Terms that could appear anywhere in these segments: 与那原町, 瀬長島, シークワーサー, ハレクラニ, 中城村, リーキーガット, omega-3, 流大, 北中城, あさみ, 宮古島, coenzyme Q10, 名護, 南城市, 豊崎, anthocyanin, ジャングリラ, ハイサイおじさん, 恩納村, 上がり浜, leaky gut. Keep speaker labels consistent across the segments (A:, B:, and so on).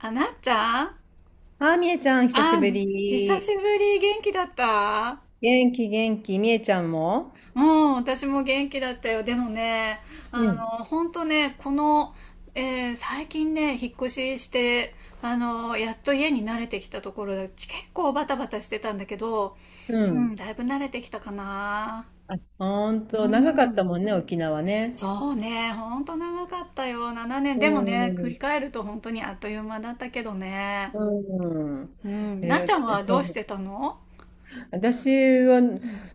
A: あ、なっちゃん。
B: あー、みえちゃん、久し
A: あ
B: ぶ
A: ん、久
B: り。
A: しぶり、元気だった？
B: 元気、元気。みえちゃんも、
A: うん、私も元気だったよ。でもね、
B: うん。
A: ほんとね、この、えー最近ね、引っ越しして、やっと家に慣れてきたところで、結構バタバタしてたんだけど、
B: う
A: う
B: ん。
A: ん、だいぶ慣れてきたかな。
B: あ、ほん
A: う
B: と、長かった
A: ん、
B: もんね、沖縄ね。
A: そうね、ほんと長かったよ、7年。
B: う
A: でもね、振
B: ん。
A: り返ると本当にあっという間だったけどね。
B: うん。
A: うん、なっ
B: え
A: ち
B: ー
A: ゃんはど
B: そ
A: うし
B: う。
A: てたの？
B: 私は、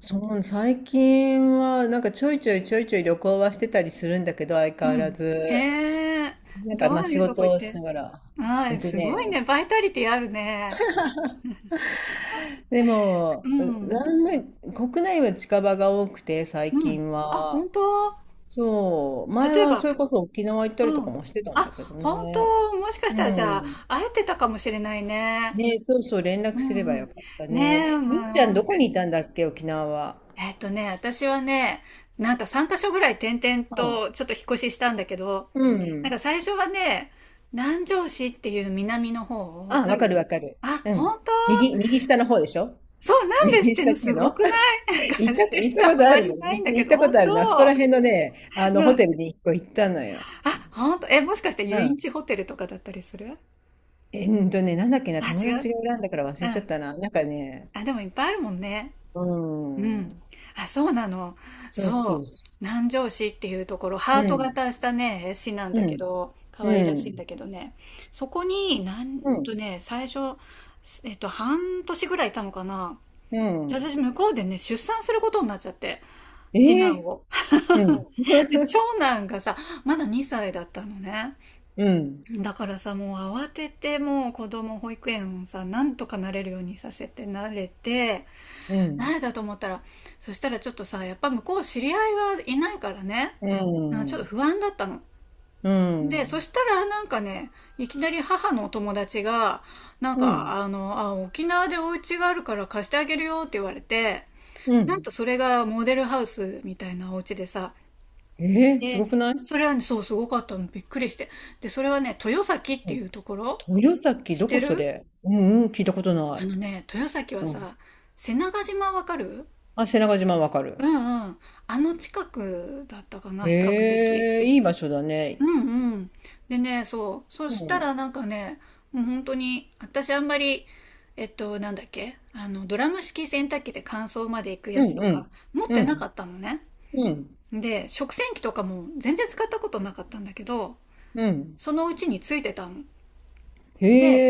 B: そう、最近は、ちょいちょい旅行はしてたりするんだけど、相
A: う
B: 変わら
A: ん。
B: ず。
A: へえ、ど
B: ま
A: う
B: あ仕
A: いうと
B: 事
A: こ行っ
B: をし
A: て？
B: ながら。
A: は
B: えっ
A: い、
B: と
A: すごい
B: ね、
A: ね。バイタリティあるね。
B: で
A: う
B: も、う
A: ん。
B: あんまり国内は近場が多くて、最
A: うん。
B: 近
A: あ、本
B: は。
A: 当？
B: そう、前
A: 例え
B: は
A: ば？
B: それこそ沖縄行ったり
A: う
B: とか
A: ん。
B: もしてたんだけ
A: あ、
B: ど
A: 本
B: ね。
A: 当？もしかしたらじ
B: う
A: ゃあ、
B: ん。
A: 会えてたかもしれないね。
B: ね、そうそう、連絡
A: う
B: すれ
A: ん
B: ば
A: う
B: よ
A: ん。
B: かったね。
A: ねえ、
B: みっちゃ
A: ま
B: ん
A: あ、
B: どこにいたんだっけ、沖縄は。
A: 私はね、なんか3カ所ぐらい転々
B: うん。
A: とちょっと引っ越ししたんだけど、
B: う
A: なん
B: ん。
A: か最初はね、南城市っていう南の方、わ
B: あ、
A: か
B: わ
A: る？
B: かるわかる。
A: あ、
B: うん。
A: 本当？
B: 右、右下の方でしょ？
A: そう、な んでしっ
B: 右
A: てん
B: 下っ
A: の？
B: てい
A: す
B: うの
A: ごくない？なんか
B: 行った、
A: してる
B: 行った
A: 人
B: こ
A: あん
B: とあ
A: ま
B: る
A: り
B: の。
A: いないん
B: み
A: だけ
B: 行っ
A: ど、
B: たこ
A: 本
B: とあ
A: 当？
B: るの。あそこら辺のね、あの、ホ
A: う
B: テ
A: ん。
B: ルに一個行ったのよ。
A: あ、本当？え、もしかして
B: う
A: 遊園
B: ん。
A: 地ホテルとかだったりする？
B: えんとね、なんだっけな、
A: あ、
B: 友
A: 違
B: 達
A: う？
B: が選んだから忘
A: う
B: れちゃっ
A: ん。
B: たな。
A: あ、でもいっぱいあるもんね。
B: う
A: うん。
B: ん。
A: あ、そうなの。
B: そう
A: そ
B: そ
A: う。
B: うそ
A: 南城市っていうところ、
B: う。う
A: ハート
B: ん。
A: 型したね、市なん
B: う
A: だけ
B: ん。
A: ど、可
B: う
A: 愛らしいん
B: ん。
A: だけどね。そこに、な
B: う
A: ん
B: ん。
A: とね、最初、半年ぐらいいたのかな。
B: う
A: で私、
B: ん。
A: 向こうでね、出産することになっちゃって、次
B: え
A: 男
B: え。
A: を。
B: うん。
A: で、長男がさ、まだ2歳だったのね。
B: うん。
A: だからさ、もう慌てて、もう子供保育園をさ、なんとかなれるようにさせて慣れて、
B: う
A: 慣
B: ん。
A: れたと思ったら、そしたらちょっとさ、やっぱ向こう知り合いがいないからね、
B: う
A: なんかちょっと
B: ん。
A: 不安だったの。
B: う
A: で、そ
B: ん。
A: したらなんかね、いきなり母のお友達が、なん
B: うん。
A: か、沖縄でお家があるから貸してあげるよって言われて、
B: う
A: なん
B: ん。
A: とそれがモデルハウスみたいなお家でさ、
B: ええ、す
A: で、
B: ごくない？
A: それはね、そう、すごかったの。びっくりして。で、それはね、豊崎っていう
B: う
A: ところ
B: ん。豊崎、
A: 知っ
B: ど
A: て
B: こそ
A: る？
B: れ？うんうん、聞いたことな
A: あ
B: い。
A: のね、豊崎は
B: うん。
A: さ、瀬長島わかる？
B: あ、瀬長島わかる。
A: うんうん。あの近くだったかな、比較的。
B: へえ、いい場所だ
A: う
B: ね。
A: んうん。でね、そう。そ
B: う
A: した
B: ん。
A: らなんかね、もう本当に、私あんまり、なんだっけ、ドラム式洗濯機で乾燥まで行く
B: う
A: やつ
B: ん
A: と
B: う
A: か、
B: ん。
A: 持っ
B: う
A: てな
B: ん。
A: かったのね。
B: うん。
A: で、食洗機とかも全然使ったことなかったんだけど、
B: うん。
A: そのうちについてたの。
B: へ
A: で、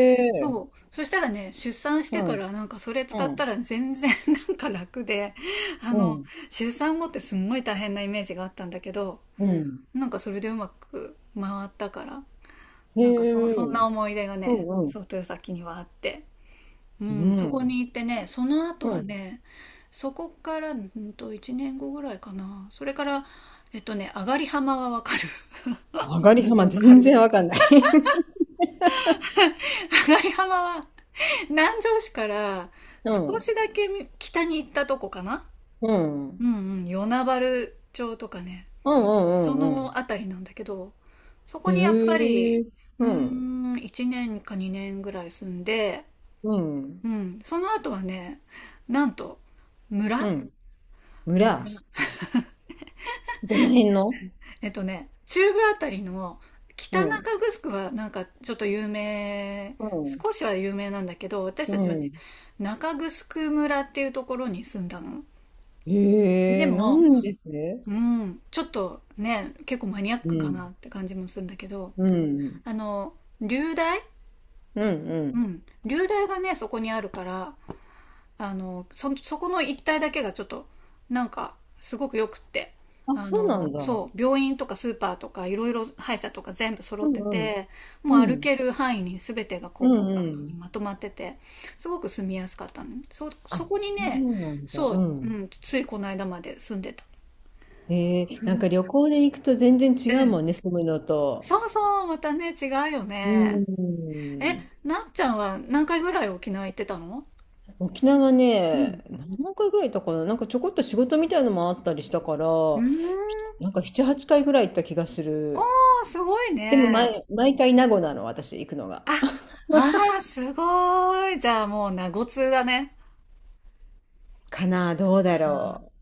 B: え。
A: そう。そしたらね、出産し
B: う
A: てか
B: ん。
A: らなんかそれ
B: う
A: 使った
B: ん。
A: ら全然 なんか楽で、あ
B: う
A: の、
B: ん。
A: 出産後ってすんごい大変なイメージがあったんだけど、
B: うん。
A: なんかそれでうまく回ったから、
B: へ
A: なんか
B: え。
A: そんな思い出が
B: う
A: ね、
B: んうん。
A: そう、豊崎にはあって。う
B: う
A: ん、そこ
B: ん。
A: に行ってね、その後
B: う
A: は
B: ん。
A: ね、そこから、1年後ぐらいかな。それから、上がり浜はわかる？
B: 上が
A: ま
B: り
A: た
B: 幅
A: わか
B: 全
A: る。
B: 然わかんない。
A: 上がり浜は南城市から
B: う
A: 少
B: ん。
A: しだけ北に行ったとこかな。
B: うん。う
A: うん
B: ん
A: うん、与那原町とかね、
B: う
A: そ
B: んうんうん。
A: のあたりなんだけど、そこ
B: へ
A: にやっぱり、
B: え。
A: うー
B: うん。
A: ん、1年か2年ぐらい住んで、
B: うん。
A: うん、その後はね、なんと、
B: う
A: 村
B: ん。村。
A: 村。
B: どの辺の？
A: 中部あたりの北
B: う
A: 中
B: ん。
A: 城はなんかちょっと有名、
B: うん。
A: 少しは有名なんだけど、私
B: う
A: たちはね、
B: ん。
A: 中城村っていうところに住んだの。で
B: へえ、な
A: も、
B: んですね。
A: うん、ちょっとね、結構マニアッ
B: う
A: クかな
B: ん。
A: って感じもするんだけど、
B: うん。
A: あの、流大。
B: うんう
A: う
B: ん。
A: ん、流大がね、そこにあるから、あの、そこの一帯だけがちょっと、なんか、すごく良くって、
B: あ、そうなんだ。
A: そう、病院とかスーパーとか、いろいろ歯医者とか全部揃
B: う
A: って
B: んうん。
A: て、
B: う
A: もう歩
B: ん。
A: ける範囲に全てが
B: う
A: こう、コ
B: ん
A: ンパク
B: う
A: トに
B: ん。
A: まとまってて、すごく住みやすかったのね。そ
B: あ、
A: こに
B: そ
A: ね、
B: うなんだ。
A: そ
B: う
A: う、う
B: ん。
A: ん、ついこの間まで住んでた。
B: へえ、
A: う
B: なんか
A: ん。
B: 旅行で行くと全然違うもんね、住むのと。
A: そうそう、またね、違うよね。
B: う
A: え、
B: ん。
A: なっちゃんは何回ぐらい沖縄行ってたの？
B: 沖縄
A: う
B: ね、
A: ん。
B: 何回ぐらい行ったかな、なんかちょこっと仕事みたいのもあったりしたから、
A: うーん。
B: なんか7、8回ぐらい行った気がす
A: お
B: る。
A: ー、すごい
B: でも
A: ね。
B: 毎、毎回名護なの、私行くのが。
A: あ、あー、すごい。じゃあもう、名護通だね。
B: かな、どうだろ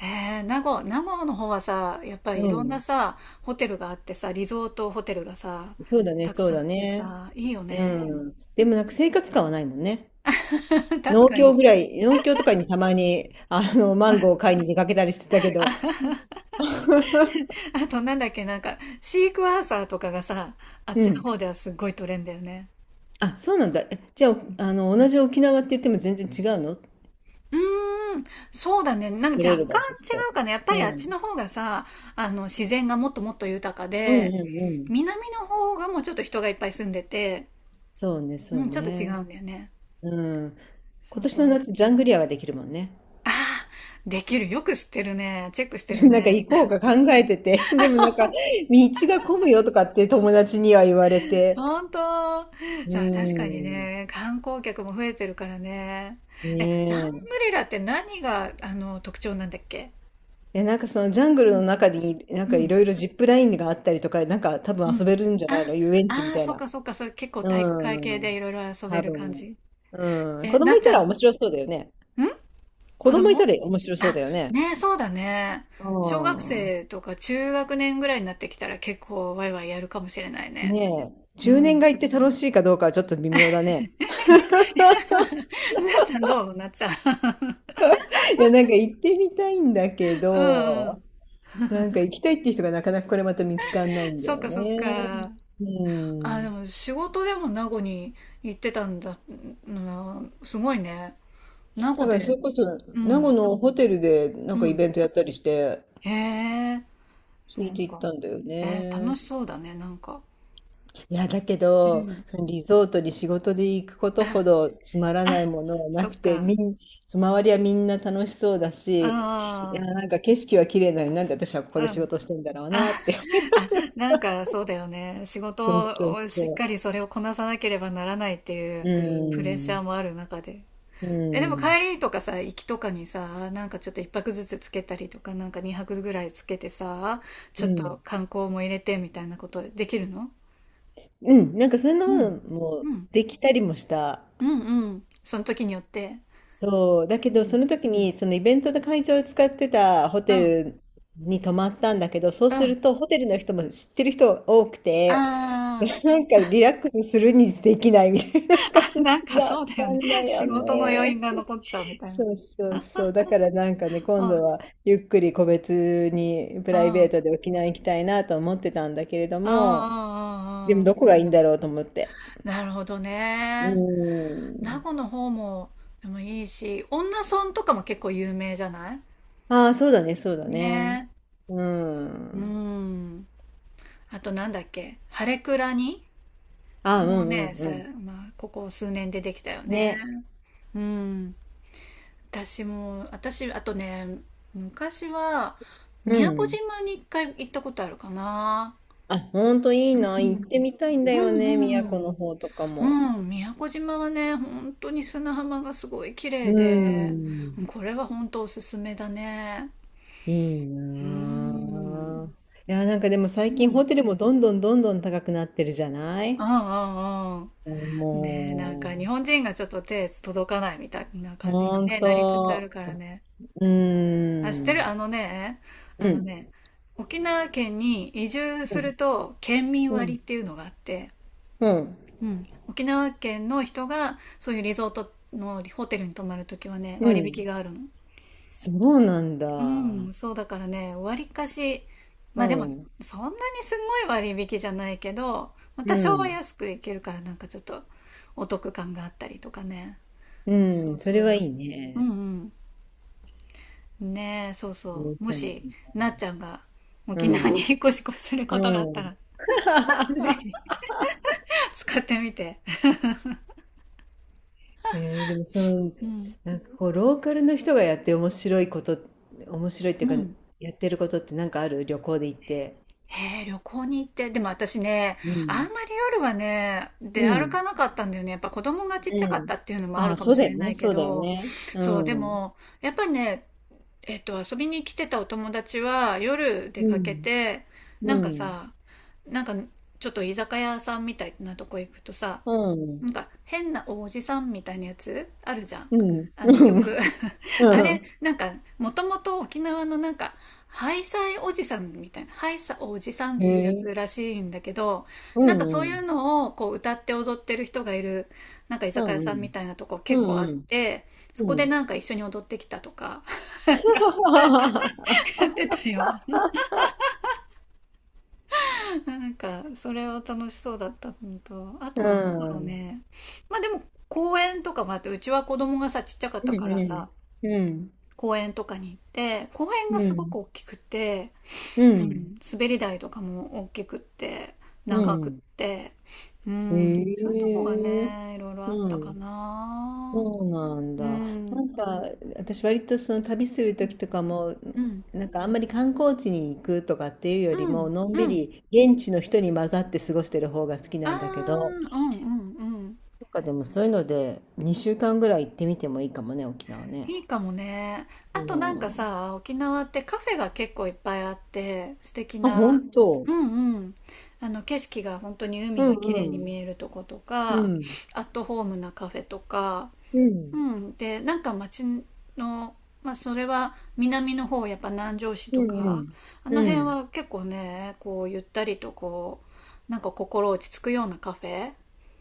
A: えー、名護の方はさ、やっぱ
B: う。
A: り
B: う
A: いろんな
B: ん。
A: さ、ホテルがあってさ、リゾートホテルがさ、
B: そうだね、
A: たく
B: そう
A: さんあ
B: だ
A: って
B: ね。
A: さ、いいよ
B: う
A: ね。
B: ん。でもなんか生活感はないもんね。
A: 確
B: 農
A: か
B: 協
A: に。
B: ぐらい、農協とかにたまに、あの、マンゴーを買いに出かけたりしてたけど、
A: あとなんだっけ、なんか、シークワーサーとかがさ、あっ
B: う
A: ちの
B: ん。
A: 方ではすっごい取れんだよね。
B: あ、そうなんだ。えじゃあ、あの、同じ沖縄って言っても全然違うの取
A: うーん、そうだね。なんか
B: れ
A: 若
B: る
A: 干
B: 場所とか。
A: 違うかな。やっぱり
B: う
A: あっ
B: ん。
A: ちの方がさ、自然がもっともっと豊か
B: うん
A: で、
B: うんうん。
A: 南の方がもうちょっと人がいっぱい住んでて、
B: そうね、
A: う
B: そう
A: ん、ちょっと違
B: ね。
A: うんだよね。
B: うん。
A: そ
B: 今
A: う
B: 年
A: そ
B: の
A: う。
B: 夏、ジャングリアができるもんね。
A: ああ、できる。よく知ってるね。チェックして る
B: なんか
A: ね。
B: 行こうか考えてて、でもなんか、道が混むよとかって友達には言われて。
A: ほんと。
B: うー
A: さあ、確かに
B: ん。
A: ね、観光客も増えてるからね。え、ジャング
B: ね
A: リラって何が、特徴なんだっけ？
B: え。え、そのジャングルの中に、なん
A: う
B: かい
A: ん。
B: ろいろジップラインがあったりとか、なんか多
A: う
B: 分遊
A: ん。
B: べるんじゃない
A: あ、
B: の、遊園地み
A: ああ、
B: たい
A: そっ
B: な。
A: かそっか、それ結構
B: う
A: 体育会系で
B: ん。
A: いろいろ遊べ
B: 多
A: る感
B: 分。
A: じ。
B: うん。
A: え、
B: 子
A: な
B: 供
A: っ
B: い
A: ち
B: た
A: ゃん、
B: ら
A: ん？
B: 面白そうだよね。子
A: 子
B: 供いた
A: 供。
B: ら面白そう
A: あ、
B: だよね。
A: ねえ、そうだね。
B: う
A: 小学
B: ん。
A: 生とか中学年ぐらいになってきたら結構ワイワイやるかもしれないね。
B: ねえ、
A: う
B: 10年
A: ん。
B: が行って楽しいかどうかはちょっと微妙だね。
A: なっちゃんどうなっちゃん。
B: いや、なんか行ってみたいんだけ
A: うんうん。
B: ど、なんか行きたいって人がなかなかこれまた見つかんないんだ
A: そっ
B: よ
A: かそっ
B: ね。
A: か。
B: う
A: あ、で
B: ん。
A: も仕事でも名護に行ってたんだ、すごいね。名護
B: だからそ
A: で、
B: れこそ、
A: う
B: 名護
A: ん、
B: のホテルでな
A: う
B: んかイ
A: ん。
B: ベントやったりして、
A: へえ、
B: そ
A: な
B: れ
A: ん
B: で行っ
A: か。
B: たんだよ
A: えー楽
B: ね。
A: しそうだね、なんか。
B: いや、だけ
A: う
B: ど、
A: ん。
B: そのリゾートに仕事で行くこと
A: あ、
B: ほどつまらない
A: あ、
B: ものはな
A: そっ
B: くて、
A: か。
B: みん、周りはみんな楽しそうだし、きい
A: あ
B: や、なんか景色は綺麗なのになんで私はここで
A: あ、う
B: 仕
A: ん。
B: 事してんだろう
A: あ、
B: なって。
A: あ、なんかそうだよね。仕
B: そうそ
A: 事
B: う
A: をしっ
B: そ
A: かりそれをこなさなければならないってい
B: う。う。う
A: うプレッシ
B: ん。
A: ャー
B: ん。
A: もある中で。
B: う
A: え、でも
B: ん。
A: 帰りとかさ、行きとかにさ、なんかちょっと一泊ずつつけたりとか、なんか二泊ぐらいつけてさ、ち
B: う
A: ょっ
B: ん。
A: と観光も入れてみたいなことできるの？
B: うん。なんかそんな
A: う
B: の
A: ん。
B: も
A: うん。
B: できたりもした。
A: うんうん。その時によって。
B: そう。だけ
A: う
B: ど、そ
A: ん。
B: の時に、そのイベントの会場を使ってたホ
A: う
B: テ
A: ん。
B: ルに泊まったんだけど、そう
A: う
B: す
A: ん。
B: ると、ホテルの人も知ってる人が多くて、
A: ああ。
B: なんかリラックスするにできないみたいな 感
A: なん
B: じ
A: か
B: だ
A: そ
B: っ
A: うだよ
B: た
A: ね。
B: んだ よ
A: 仕事の余韻
B: ね。
A: が残っちゃうみたいな。
B: そうそうそう。だからなんかね、
A: う
B: 今
A: ん、う
B: 度
A: ん、
B: はゆっくり個別にプ
A: う
B: ライベー
A: ん、
B: トで沖縄行きたいなと思ってたんだけれど
A: うん、う
B: も、で
A: んう
B: も
A: ん。
B: どこがいいんだろうと思って。
A: なるほど
B: う
A: ね。
B: ー
A: 名護
B: ん。
A: の方も、でもいいし、恩納村とかも結構有名じゃない？
B: ああ、そうだね、そうだね。
A: ね
B: う
A: え。う
B: ん。
A: ん。あとなんだっけ、ハレクラニ。
B: ああ、う
A: もう
B: ん
A: ね、
B: う
A: さ、
B: んう
A: まあ、ここ数年でできたよ
B: ん。
A: ね。
B: ね。
A: うん。私、あとね、昔は、
B: う
A: 宮古
B: ん。
A: 島に一回行ったことあるかな。
B: あ、ほんといいな。行ってみたいんだ
A: う
B: よね、
A: ん
B: 宮
A: う
B: 古
A: ん。
B: の方とか
A: う
B: も。
A: ん、宮古島はね、本当に砂浜がすごい綺
B: う
A: 麗
B: ー
A: で、うん、
B: ん。
A: これは本当おすすめだね。
B: いい
A: うー
B: な
A: ん。
B: あ。いや、なんかでも
A: う
B: 最
A: ん。う
B: 近
A: ん
B: ホテルもどんどんどんどん高くなってるじゃない？
A: うんうん。ねえ、なん
B: も
A: か日本人がちょっと手届かないみたいな
B: う、
A: 感じ
B: ほ
A: に、
B: ん
A: ね、なりつつある
B: と、
A: からね。
B: うーん、
A: あ、知っ
B: う
A: てる？
B: ん、
A: あのね、あの
B: う
A: ね、沖縄県に移住す
B: ん、
A: ると県民
B: う
A: 割っ
B: ん、
A: ていうのがあって、
B: うん、
A: うん、沖縄県の人がそういうリゾートのホテルに泊まるときはね、
B: う
A: 割引
B: ん、
A: があるの。
B: そうなん
A: う
B: だ。
A: ん、そうだからね、割かし、
B: う
A: まあでも、
B: ん、
A: そんなにすごい割引じゃないけど、ま
B: う
A: た商売
B: ん、
A: 安くいけるからなんかちょっとお得感があったりとかね。
B: う
A: そ
B: ん、
A: う
B: それは
A: そ
B: いい
A: う。う
B: ね。
A: んうん。ねえ、そうそう。もし、
B: う
A: なっちゃんが沖縄に
B: ん、
A: 引っ越しすることがあっ
B: う
A: た
B: ん。
A: ら、ぜひ 使ってみて。
B: えー、でもその、
A: うん。
B: なんかこう、ローカルの人がやって面白いこと、面白いって
A: う
B: いうか、
A: ん。
B: やってることってなんかある、旅行で行って。
A: へえ、旅行に行って、でも私ね、
B: う
A: あ
B: ん、
A: んまり夜はね、
B: う
A: 出歩か
B: ん、
A: なかったんだよね。やっぱ子供がちっ
B: う
A: ちゃかっ
B: ん。
A: たっていうのもあ
B: あ
A: る
B: あ、
A: かも
B: そう
A: し
B: だ
A: れ
B: よ
A: な
B: ね、
A: いけ
B: そうだよ
A: ど、
B: ね。う
A: そう、で
B: ん。
A: も、やっぱりね、遊びに来てたお友達は夜出
B: う
A: かけ
B: ん。
A: て、な
B: う
A: んか
B: ん。
A: さ、なんかちょっと居酒屋さんみたいなとこ行くとさ、
B: うん。
A: なんか変なおじさんみたいなやつあるじゃん。
B: うん。
A: あの
B: う
A: 曲。
B: ん。
A: あ
B: う
A: れ、
B: ん。
A: なんかもともと沖縄のなんかハイサイおじさんみたいな、ハイサおじさんっ
B: へ
A: ていうや
B: え。
A: つらしいんだけど、
B: う
A: なんかそう
B: ん
A: い
B: う
A: う
B: ん。
A: のをこう歌って踊ってる人がいる、なんか居
B: う
A: 酒
B: ん
A: 屋さ
B: う
A: んみ
B: ん。
A: たいなとこ
B: う
A: 結構あ
B: ん
A: っ
B: うん。
A: て、そ
B: う
A: こで
B: ん。
A: なんか一緒に踊ってきたとか やってたよ。なんかそれは楽しそうだったのと、あと
B: う
A: なんだろう
B: ん。
A: ね。まあでも公園とかもあって、うちは子供がさ、ちっちゃかっ
B: う
A: た
B: ん
A: からさ、
B: うん。うん。
A: 公園とかに行って、公園が
B: う
A: すごく
B: ん。
A: 大きくて、
B: う
A: う
B: ん。
A: ん、滑り台とかも大きくって、
B: う
A: 長くっ
B: ん。
A: て、う
B: へ
A: ん、そういうとこが
B: え。
A: ね、いろいろあっ
B: う
A: たか
B: ん。
A: な。
B: そうなん
A: う
B: だ。な
A: ん、
B: んか、私割とその旅する時とかも、
A: うん、
B: なんかあんまり観光地に行くとかっていうより
A: う
B: も、
A: ん、
B: のんび
A: うん。
B: り現地の人に混ざって過ごしてる方が好き
A: あー、
B: な
A: う
B: んだけど、
A: ん、うん、うん。
B: なんかでもそういうので2週間ぐらい行ってみてもいいかもね、沖縄ね。
A: いいかもね。あ
B: う
A: となんか
B: ん。
A: さ、沖縄ってカフェが結構いっぱいあって、素敵
B: あ、
A: な、
B: 本当。
A: うんうん。あの景色が本当に
B: う
A: 海が綺麗に
B: んう
A: 見
B: ん。
A: えるとこと
B: う
A: か、
B: ん。
A: アットホームなカフェとか、
B: う
A: う
B: ん。
A: ん、で、なんか町の、まあ、それは南の方、やっぱ南城市と
B: うんう
A: か、
B: ん。
A: あの
B: う
A: 辺
B: ん。
A: は結構ね、こう、ゆったりとこう、なんか心落ち着くようなカフェ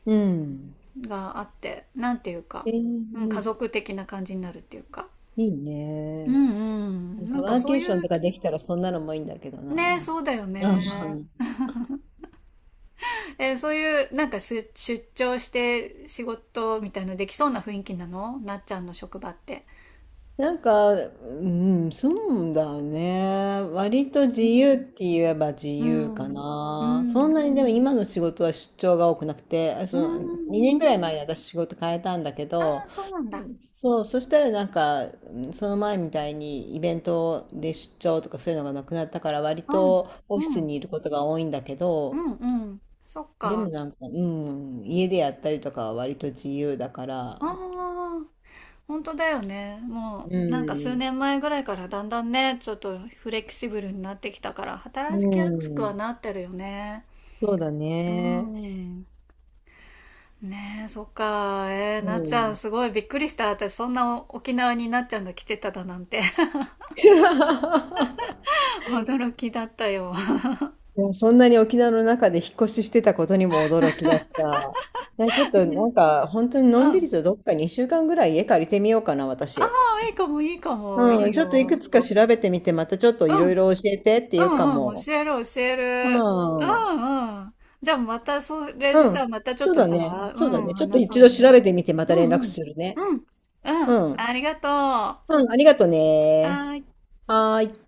B: うん。
A: があって、なんていうか、
B: え
A: うん、家
B: ー、
A: 族的な感じになるっていうか。
B: いい
A: う
B: ね。
A: んうん。
B: なんか
A: なんか
B: ワー
A: そう
B: ケー
A: い
B: ションと
A: う、
B: かできたらそんなのもいいんだけど
A: ね、
B: な。
A: そうだよ
B: う
A: ね。
B: ん。
A: そういう、なんかす出張して仕事みたいのできそうな雰囲気なのなっちゃんの職場って。
B: うん、そうだね。割と自
A: う
B: 由っ
A: ん。
B: て言えば自
A: う
B: 由か
A: ん。う
B: な。そん
A: ん。
B: なにでも今の仕事は出張が多くなくて、あ
A: う
B: そ
A: ー
B: の2年
A: ん。
B: ぐらい前に私仕事変えたんだけ
A: ああ、
B: ど、
A: そうなんだ。
B: そう、そしたらなんか、うん、その前みたいにイベントで出張とかそういうのがなくなったから割
A: うん。
B: とオフィ
A: う
B: ス
A: ん。
B: にいることが多いんだけ
A: う
B: ど、
A: ん。うん。そっ
B: で
A: か。
B: もなんか、うん、家でやったりとかは割と自由だから、
A: ああ、本当だよね。も
B: う
A: う、なんか数
B: ん、
A: 年前ぐらいからだんだんね、ちょっとフレキシブルになってきたから、
B: う
A: 働きやすく
B: ん、
A: はなってるよね。
B: そうだ
A: う
B: ね。
A: ん。ねえ、そっか。
B: う
A: なっちゃん、
B: ん。
A: すごいびっくりした。私、そんな沖縄になっちゃんが来てただなんて。驚きだったよ。
B: いや、そんなに沖縄の中で引っ越ししてたことにも驚きだった。ね、ちょっとなんか本当に の
A: う
B: んび
A: ん。
B: りとどっか2週間ぐらい家借りてみようかな、
A: あ
B: 私。
A: あ、いいかも、いいかも、いい
B: うん、ちょっといく
A: よ。
B: つか調べてみて、またちょっとい
A: うん。
B: ろいろ教えてって
A: う
B: いうか
A: んうん、
B: も。
A: 教える教え
B: う
A: る。う
B: ん。
A: んうん。じゃあまたそれで
B: う
A: さ、
B: ん。
A: またちょっ
B: そう
A: と
B: だ
A: さ、
B: ね。
A: う
B: そうだ
A: ん、
B: ね。ちょっと
A: 話そ
B: 一
A: うよ。
B: 度調べてみて、ま
A: う
B: た連
A: んう
B: 絡
A: ん。
B: するね。
A: うん。うん。
B: うん。
A: ありがとう。は
B: うん、ありがとね。
A: ーい。
B: はーい。